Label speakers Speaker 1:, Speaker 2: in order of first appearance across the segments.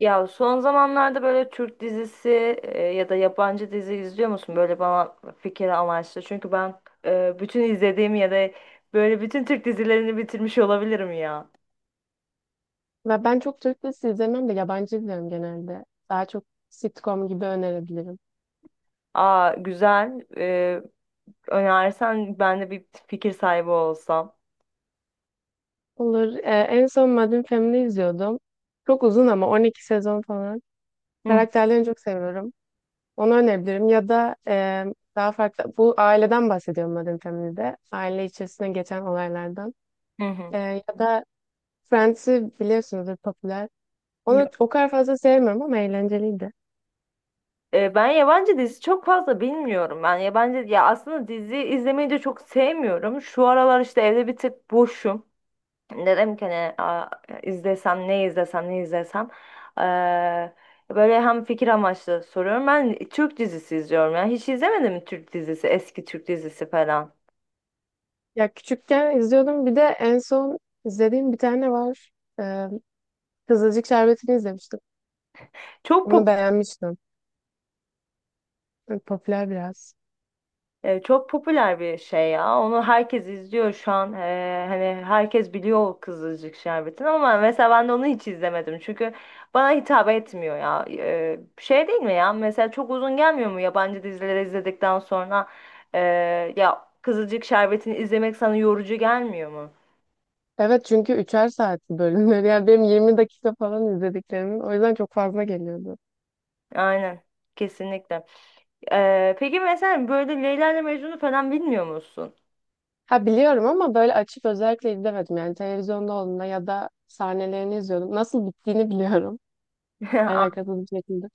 Speaker 1: Ya son zamanlarda böyle Türk dizisi ya da yabancı dizi izliyor musun? Böyle bana fikir amaçlı. Çünkü ben bütün izlediğim ya da böyle bütün Türk dizilerini bitirmiş olabilirim ya.
Speaker 2: Ve ben çok Türk dizisi izlemem de yabancı izliyorum genelde. Daha çok sitcom gibi önerebilirim.
Speaker 1: Aa güzel. Önersen ben de bir fikir sahibi olsam.
Speaker 2: Olur. En son Modern Family izliyordum. Çok uzun ama 12 sezon falan.
Speaker 1: Hı
Speaker 2: Karakterlerini çok seviyorum. Onu önerebilirim. Ya da daha farklı. Bu aileden bahsediyorum Modern Family'de. Aile içerisinde geçen olaylardan.
Speaker 1: hı hı.
Speaker 2: E, Ya da Friends'i biliyorsunuzdur, popüler. Onu
Speaker 1: Yok.
Speaker 2: o kadar fazla sevmiyorum ama eğlenceliydi.
Speaker 1: Ben yabancı dizi çok fazla bilmiyorum. Ben yabancı ya aslında dizi izlemeyi de çok sevmiyorum. Şu aralar işte evde bir tık boşum. Dedim ki hani "Aa, izlesem ne izlesem ne izlesem. Eee, Böyle hem fikir amaçlı soruyorum. Ben Türk dizisi izliyorum yani. Hiç izlemedim mi Türk dizisi? Eski Türk dizisi falan.
Speaker 2: Ya küçükken izliyordum. Bir de en son izlediğim bir tane var. E, Kızılcık Şerbeti'ni izlemiştim.
Speaker 1: Çok
Speaker 2: Onu
Speaker 1: popüler.
Speaker 2: beğenmiştim. Böyle popüler biraz.
Speaker 1: Çok popüler bir şey ya. Onu herkes izliyor şu an. Hani herkes biliyor o Kızılcık Şerbeti'ni ama mesela ben de onu hiç izlemedim. Çünkü bana hitap etmiyor ya. Şey değil mi ya? Mesela çok uzun gelmiyor mu yabancı dizileri izledikten sonra? E, Ya Kızılcık Şerbeti'ni izlemek sana yorucu gelmiyor mu?
Speaker 2: Evet çünkü üçer saat bölümleri. Yani benim 20 dakika falan izlediklerimin. O yüzden çok fazla geliyordu.
Speaker 1: Aynen. Kesinlikle. Peki mesela böyle Leyla ile Mecnun'u falan bilmiyor musun?
Speaker 2: Ha, biliyorum ama böyle açıp özellikle izlemedim. Yani televizyonda olduğunda ya da sahnelerini izliyordum. Nasıl bittiğini biliyorum. Alakasız bir şekilde.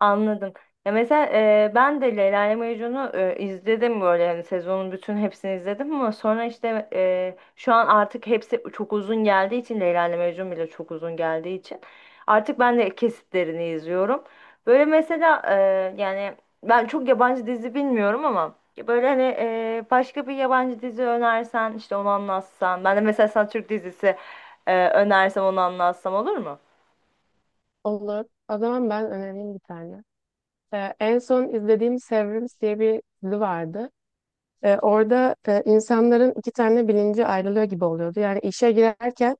Speaker 1: Anladım. Ya mesela ben de Leyla ile Mecnun'u izledim böyle yani sezonun bütün hepsini izledim ama sonra işte şu an artık hepsi çok uzun geldiği için Leyla ile Mecnun bile çok uzun geldiği için artık ben de kesitlerini izliyorum. Böyle mesela yani ben çok yabancı dizi bilmiyorum ama böyle hani başka bir yabancı dizi önersen işte onu anlatsan ben de mesela sana Türk dizisi önersem onu anlatsam olur mu?
Speaker 2: Olur. O zaman ben önereyim bir tane. En son izlediğim Severance diye bir dizi vardı. Orada insanların iki tane bilinci ayrılıyor gibi oluyordu. Yani işe girerken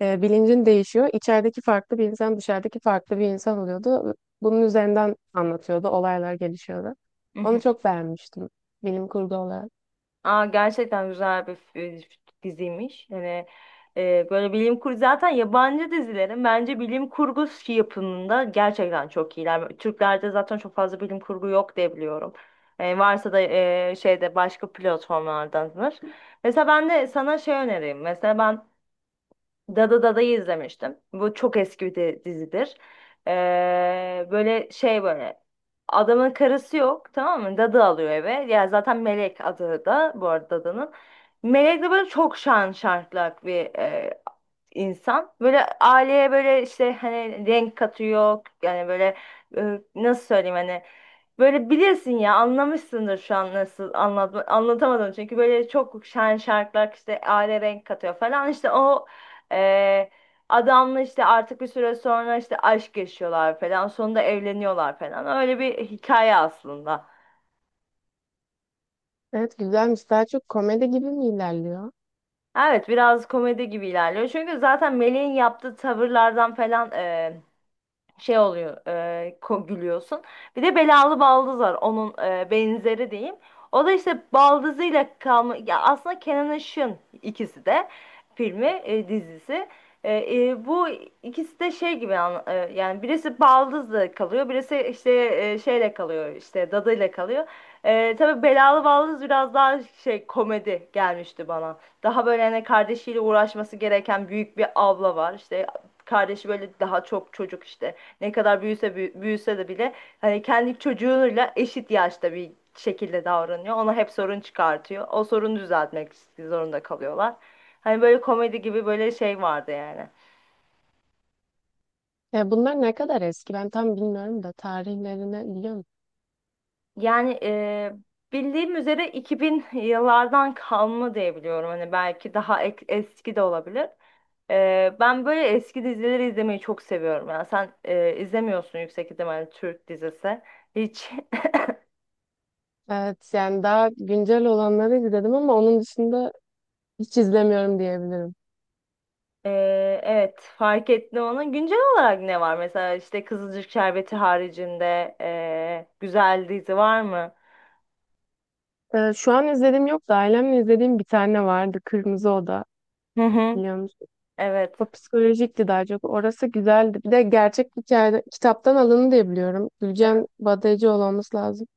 Speaker 2: bilincin değişiyor. İçerideki farklı bir insan, dışarıdaki farklı bir insan oluyordu. Bunun üzerinden anlatıyordu. Olaylar gelişiyordu. Onu çok beğenmiştim, bilim kurgu olarak.
Speaker 1: Aa, gerçekten güzel bir diziymiş. Hani böyle bilim kurgu zaten yabancı dizilerin bence bilim kurgu yapımında gerçekten çok iyiler. Türklerde zaten çok fazla bilim kurgu yok diye biliyorum. Varsa da şeyde başka platformlardandır. Mesela ben de sana şey önereyim. Mesela ben Dada'yı izlemiştim. Bu çok eski bir dizidir. Böyle şey böyle adamın karısı yok tamam mı? Dadı alıyor eve. Ya zaten Melek adı da bu arada Dada'nın. Melek de böyle çok şan şartlak bir insan. Böyle aileye böyle işte hani renk katıyor. Yani böyle nasıl söyleyeyim hani böyle bilirsin ya anlamışsındır şu an nasıl anlatamadım. Çünkü böyle çok şen şarkılar işte aile renk katıyor falan. İşte o e, adamla işte artık bir süre sonra işte aşk yaşıyorlar falan. Sonunda evleniyorlar falan. Öyle bir hikaye aslında.
Speaker 2: Evet, güzelmiş. Daha çok komedi gibi mi ilerliyor?
Speaker 1: Evet biraz komedi gibi ilerliyor. Çünkü zaten Melih'in yaptığı tavırlardan falan şey oluyor gülüyorsun. Bir de belalı baldız var onun benzeri diyeyim. O da işte baldızıyla kalma ya aslında Kenan Işık'ın ikisi de dizisi. Bu ikisi de şey gibi yani birisi baldızla kalıyor birisi işte şeyle kalıyor işte dadıyla kalıyor. Tabii belalı baldız biraz daha şey komedi gelmişti bana. Daha böyle hani kardeşiyle uğraşması gereken büyük bir abla var. İşte kardeşi böyle daha çok çocuk işte. Ne kadar büyüse de bile hani kendi çocuğuyla eşit yaşta bir şekilde davranıyor. Ona hep sorun çıkartıyor. O sorunu düzeltmek zorunda kalıyorlar. Hani böyle komedi gibi böyle şey vardı yani.
Speaker 2: Bunlar ne kadar eski? Ben tam bilmiyorum da tarihlerini biliyor musun?
Speaker 1: Yani bildiğim üzere 2000 yıllardan kalma diye biliyorum. Hani belki daha eski de olabilir. Ben böyle eski dizileri izlemeyi çok seviyorum. Yani sen izlemiyorsun yüksek ihtimalle Türk dizisi. Hiç
Speaker 2: Evet, yani daha güncel olanları izledim ama onun dışında hiç izlemiyorum diyebilirim.
Speaker 1: Evet, fark ettim onu. Güncel olarak ne var? Mesela işte Kızılcık Şerbeti haricinde güzel dizi var mı?
Speaker 2: Şu an izlediğim yok da ailemle izlediğim bir tane vardı. Kırmızı Oda.
Speaker 1: Hı hı.
Speaker 2: Biliyor musun?
Speaker 1: Evet.
Speaker 2: O psikolojikti daha çok. Orası güzeldi. Bir de gerçek hikayede kitaptan alındı diye biliyorum. Gülcem Badayıcıoğlu olması lazım.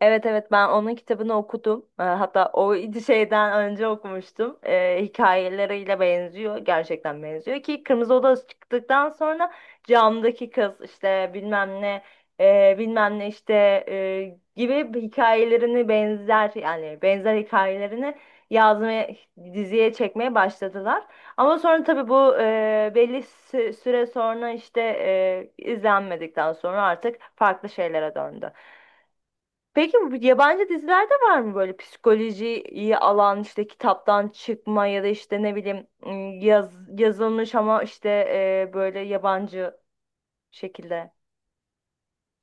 Speaker 1: Evet, evet, ben onun kitabını okudum. Hatta o şeyden önce okumuştum. Hikayeleriyle benziyor. Gerçekten benziyor ki Kırmızı Oda çıktıktan sonra camdaki kız işte bilmem ne bilmem ne işte gibi hikayelerini benzer yani benzer hikayelerini yazmaya diziye çekmeye başladılar. Ama sonra tabii bu belli süre sonra işte izlenmedikten sonra artık farklı şeylere döndü. Peki bu yabancı dizilerde var mı böyle psikolojiyi alan işte kitaptan çıkma ya da işte ne bileyim yazılmış ama işte böyle yabancı şekilde.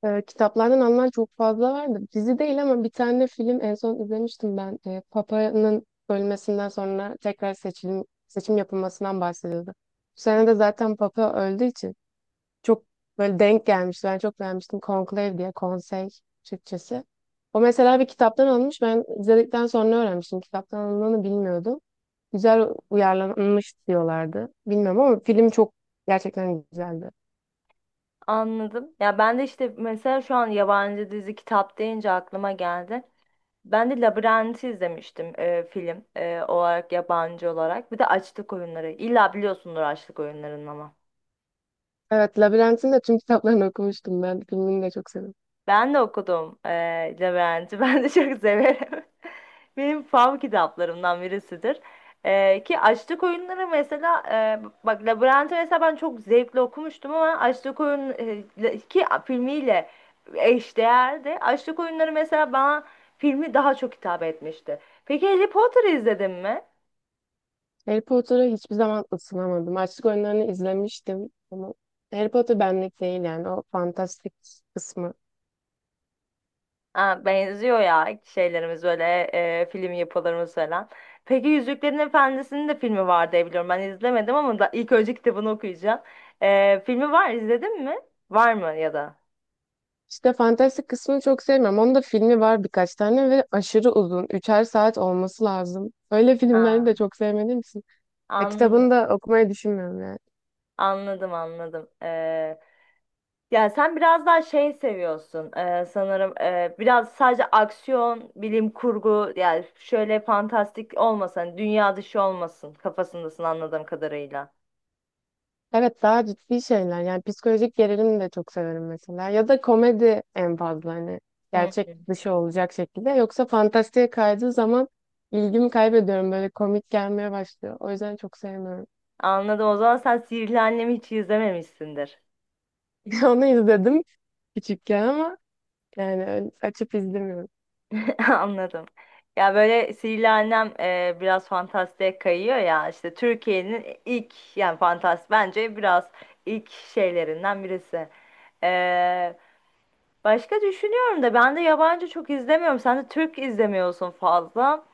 Speaker 2: Kitaplardan alınan çok fazla vardı. Dizi değil ama bir tane film en son izlemiştim ben. Papa'nın ölmesinden sonra tekrar seçim yapılmasından bahsediyordu. Bu sene de zaten Papa öldüğü için çok böyle denk gelmişti. Ben çok beğenmiştim. Conclave, diye konsey Türkçesi. O mesela bir kitaptan alınmış. Ben izledikten sonra öğrenmiştim. Kitaptan alındığını bilmiyordum. Güzel uyarlanmış diyorlardı. Bilmiyorum ama film çok gerçekten güzeldi.
Speaker 1: Anladım. Ya ben de işte mesela şu an yabancı dizi kitap deyince aklıma geldi. Ben de Labirent'i izlemiştim film olarak yabancı olarak. Bir de Açlık Oyunları. İlla biliyorsundur Açlık Oyunları'nı ama.
Speaker 2: Evet, Labirent'in de tüm kitaplarını okumuştum ben. Filmini de çok sevdim.
Speaker 1: Ben de okudum Labirent'i. Ben de çok severim. Benim fav kitaplarımdan birisidir. Ki Açlık Oyunları mesela bak Labirent'i mesela ben çok zevkle okumuştum ama ki filmiyle eşdeğerdi. Açlık Oyunları mesela bana filmi daha çok hitap etmişti. Peki Harry Potter'ı izledin mi?
Speaker 2: Harry Potter'a hiçbir zaman ısınamadım. Açlık Oyunları'nı izlemiştim ama Harry Potter benlik değil, yani o fantastik kısmı.
Speaker 1: Ha, benziyor ya şeylerimiz böyle film yapılarımız falan. Peki Yüzüklerin Efendisi'nin de filmi var diye biliyorum. Ben izlemedim ama da ilk önce kitabını okuyacağım. Filmi var izledin mi? Var mı ya da?
Speaker 2: İşte fantastik kısmını çok sevmiyorum. Onun da filmi var birkaç tane ve aşırı uzun. Üçer saat olması lazım. Öyle, filmlerini de
Speaker 1: Ha,
Speaker 2: çok sevmediğim için. Ya
Speaker 1: anladım,
Speaker 2: kitabını da okumayı düşünmüyorum yani.
Speaker 1: anladım, anladım. Ya sen biraz daha şey seviyorsun sanırım biraz sadece aksiyon, bilim kurgu yani şöyle fantastik olmasın, hani dünya dışı olmasın kafasındasın anladığım kadarıyla.
Speaker 2: Evet, daha ciddi şeyler, yani psikolojik gerilimi de çok severim mesela ya da komedi, en fazla hani
Speaker 1: Hı.
Speaker 2: gerçek dışı olacak şekilde, yoksa fantastiğe kaydığı zaman ilgimi kaybediyorum, böyle komik gelmeye başlıyor, o yüzden çok sevmiyorum.
Speaker 1: Anladım. O zaman sen Sihirli Annem'i hiç izlememişsindir.
Speaker 2: Onu izledim küçükken ama yani öyle açıp izlemiyorum.
Speaker 1: Anladım. Ya böyle Sihirli Annem biraz fantastiğe kayıyor ya. İşte Türkiye'nin ilk yani bence biraz ilk şeylerinden birisi. E, Başka düşünüyorum da ben de yabancı çok izlemiyorum. Sen de Türk izlemiyorsun fazla.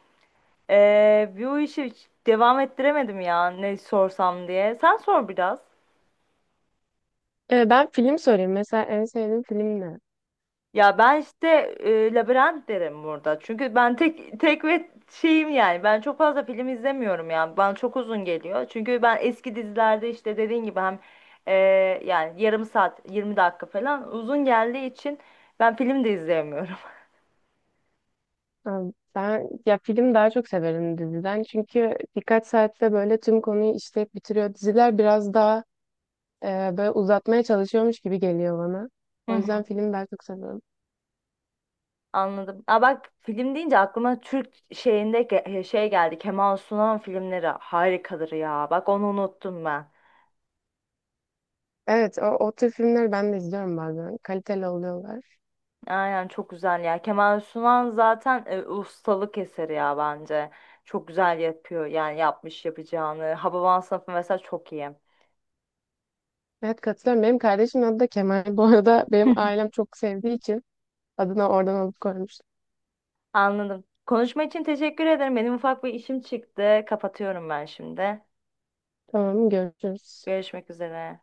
Speaker 1: Bu işi hiç devam ettiremedim ya ne sorsam diye. Sen sor biraz.
Speaker 2: Ben film sorayım mesela, en sevdiğim film ne?
Speaker 1: Ya ben işte Labirent derim burada. Çünkü ben tek tek ve şeyim yani. Ben çok fazla film izlemiyorum yani. Bana çok uzun geliyor. Çünkü ben eski dizilerde işte dediğin gibi hem e, yani yarım saat 20 dakika falan uzun geldiği için ben film de izleyemiyorum.
Speaker 2: Ha, Ben ya film daha çok severim diziden, çünkü birkaç saatte böyle tüm konuyu işleyip bitiriyor. Diziler biraz daha e, böyle uzatmaya çalışıyormuş gibi geliyor bana.
Speaker 1: Hı
Speaker 2: O yüzden
Speaker 1: hı.
Speaker 2: filmi ben çok seviyorum.
Speaker 1: Anladım. Aa bak film deyince aklıma Türk şeyinde şey geldi. Kemal Sunal filmleri harikadır ya. Bak onu unuttum ben.
Speaker 2: Evet, o tür filmleri ben de izliyorum bazen. Kaliteli oluyorlar.
Speaker 1: Aynen çok güzel ya. Kemal Sunal zaten ustalık eseri ya bence. Çok güzel yapıyor yani yapmış yapacağını. Hababam Sınıfı mesela çok iyi.
Speaker 2: Evet, katılıyorum. Benim kardeşimin adı da Kemal. Bu arada benim ailem çok sevdiği için adına oradan alıp koymuştum.
Speaker 1: Anladım. Konuşma için teşekkür ederim. Benim ufak bir işim çıktı. Kapatıyorum ben şimdi.
Speaker 2: Tamam, görüşürüz.
Speaker 1: Görüşmek üzere.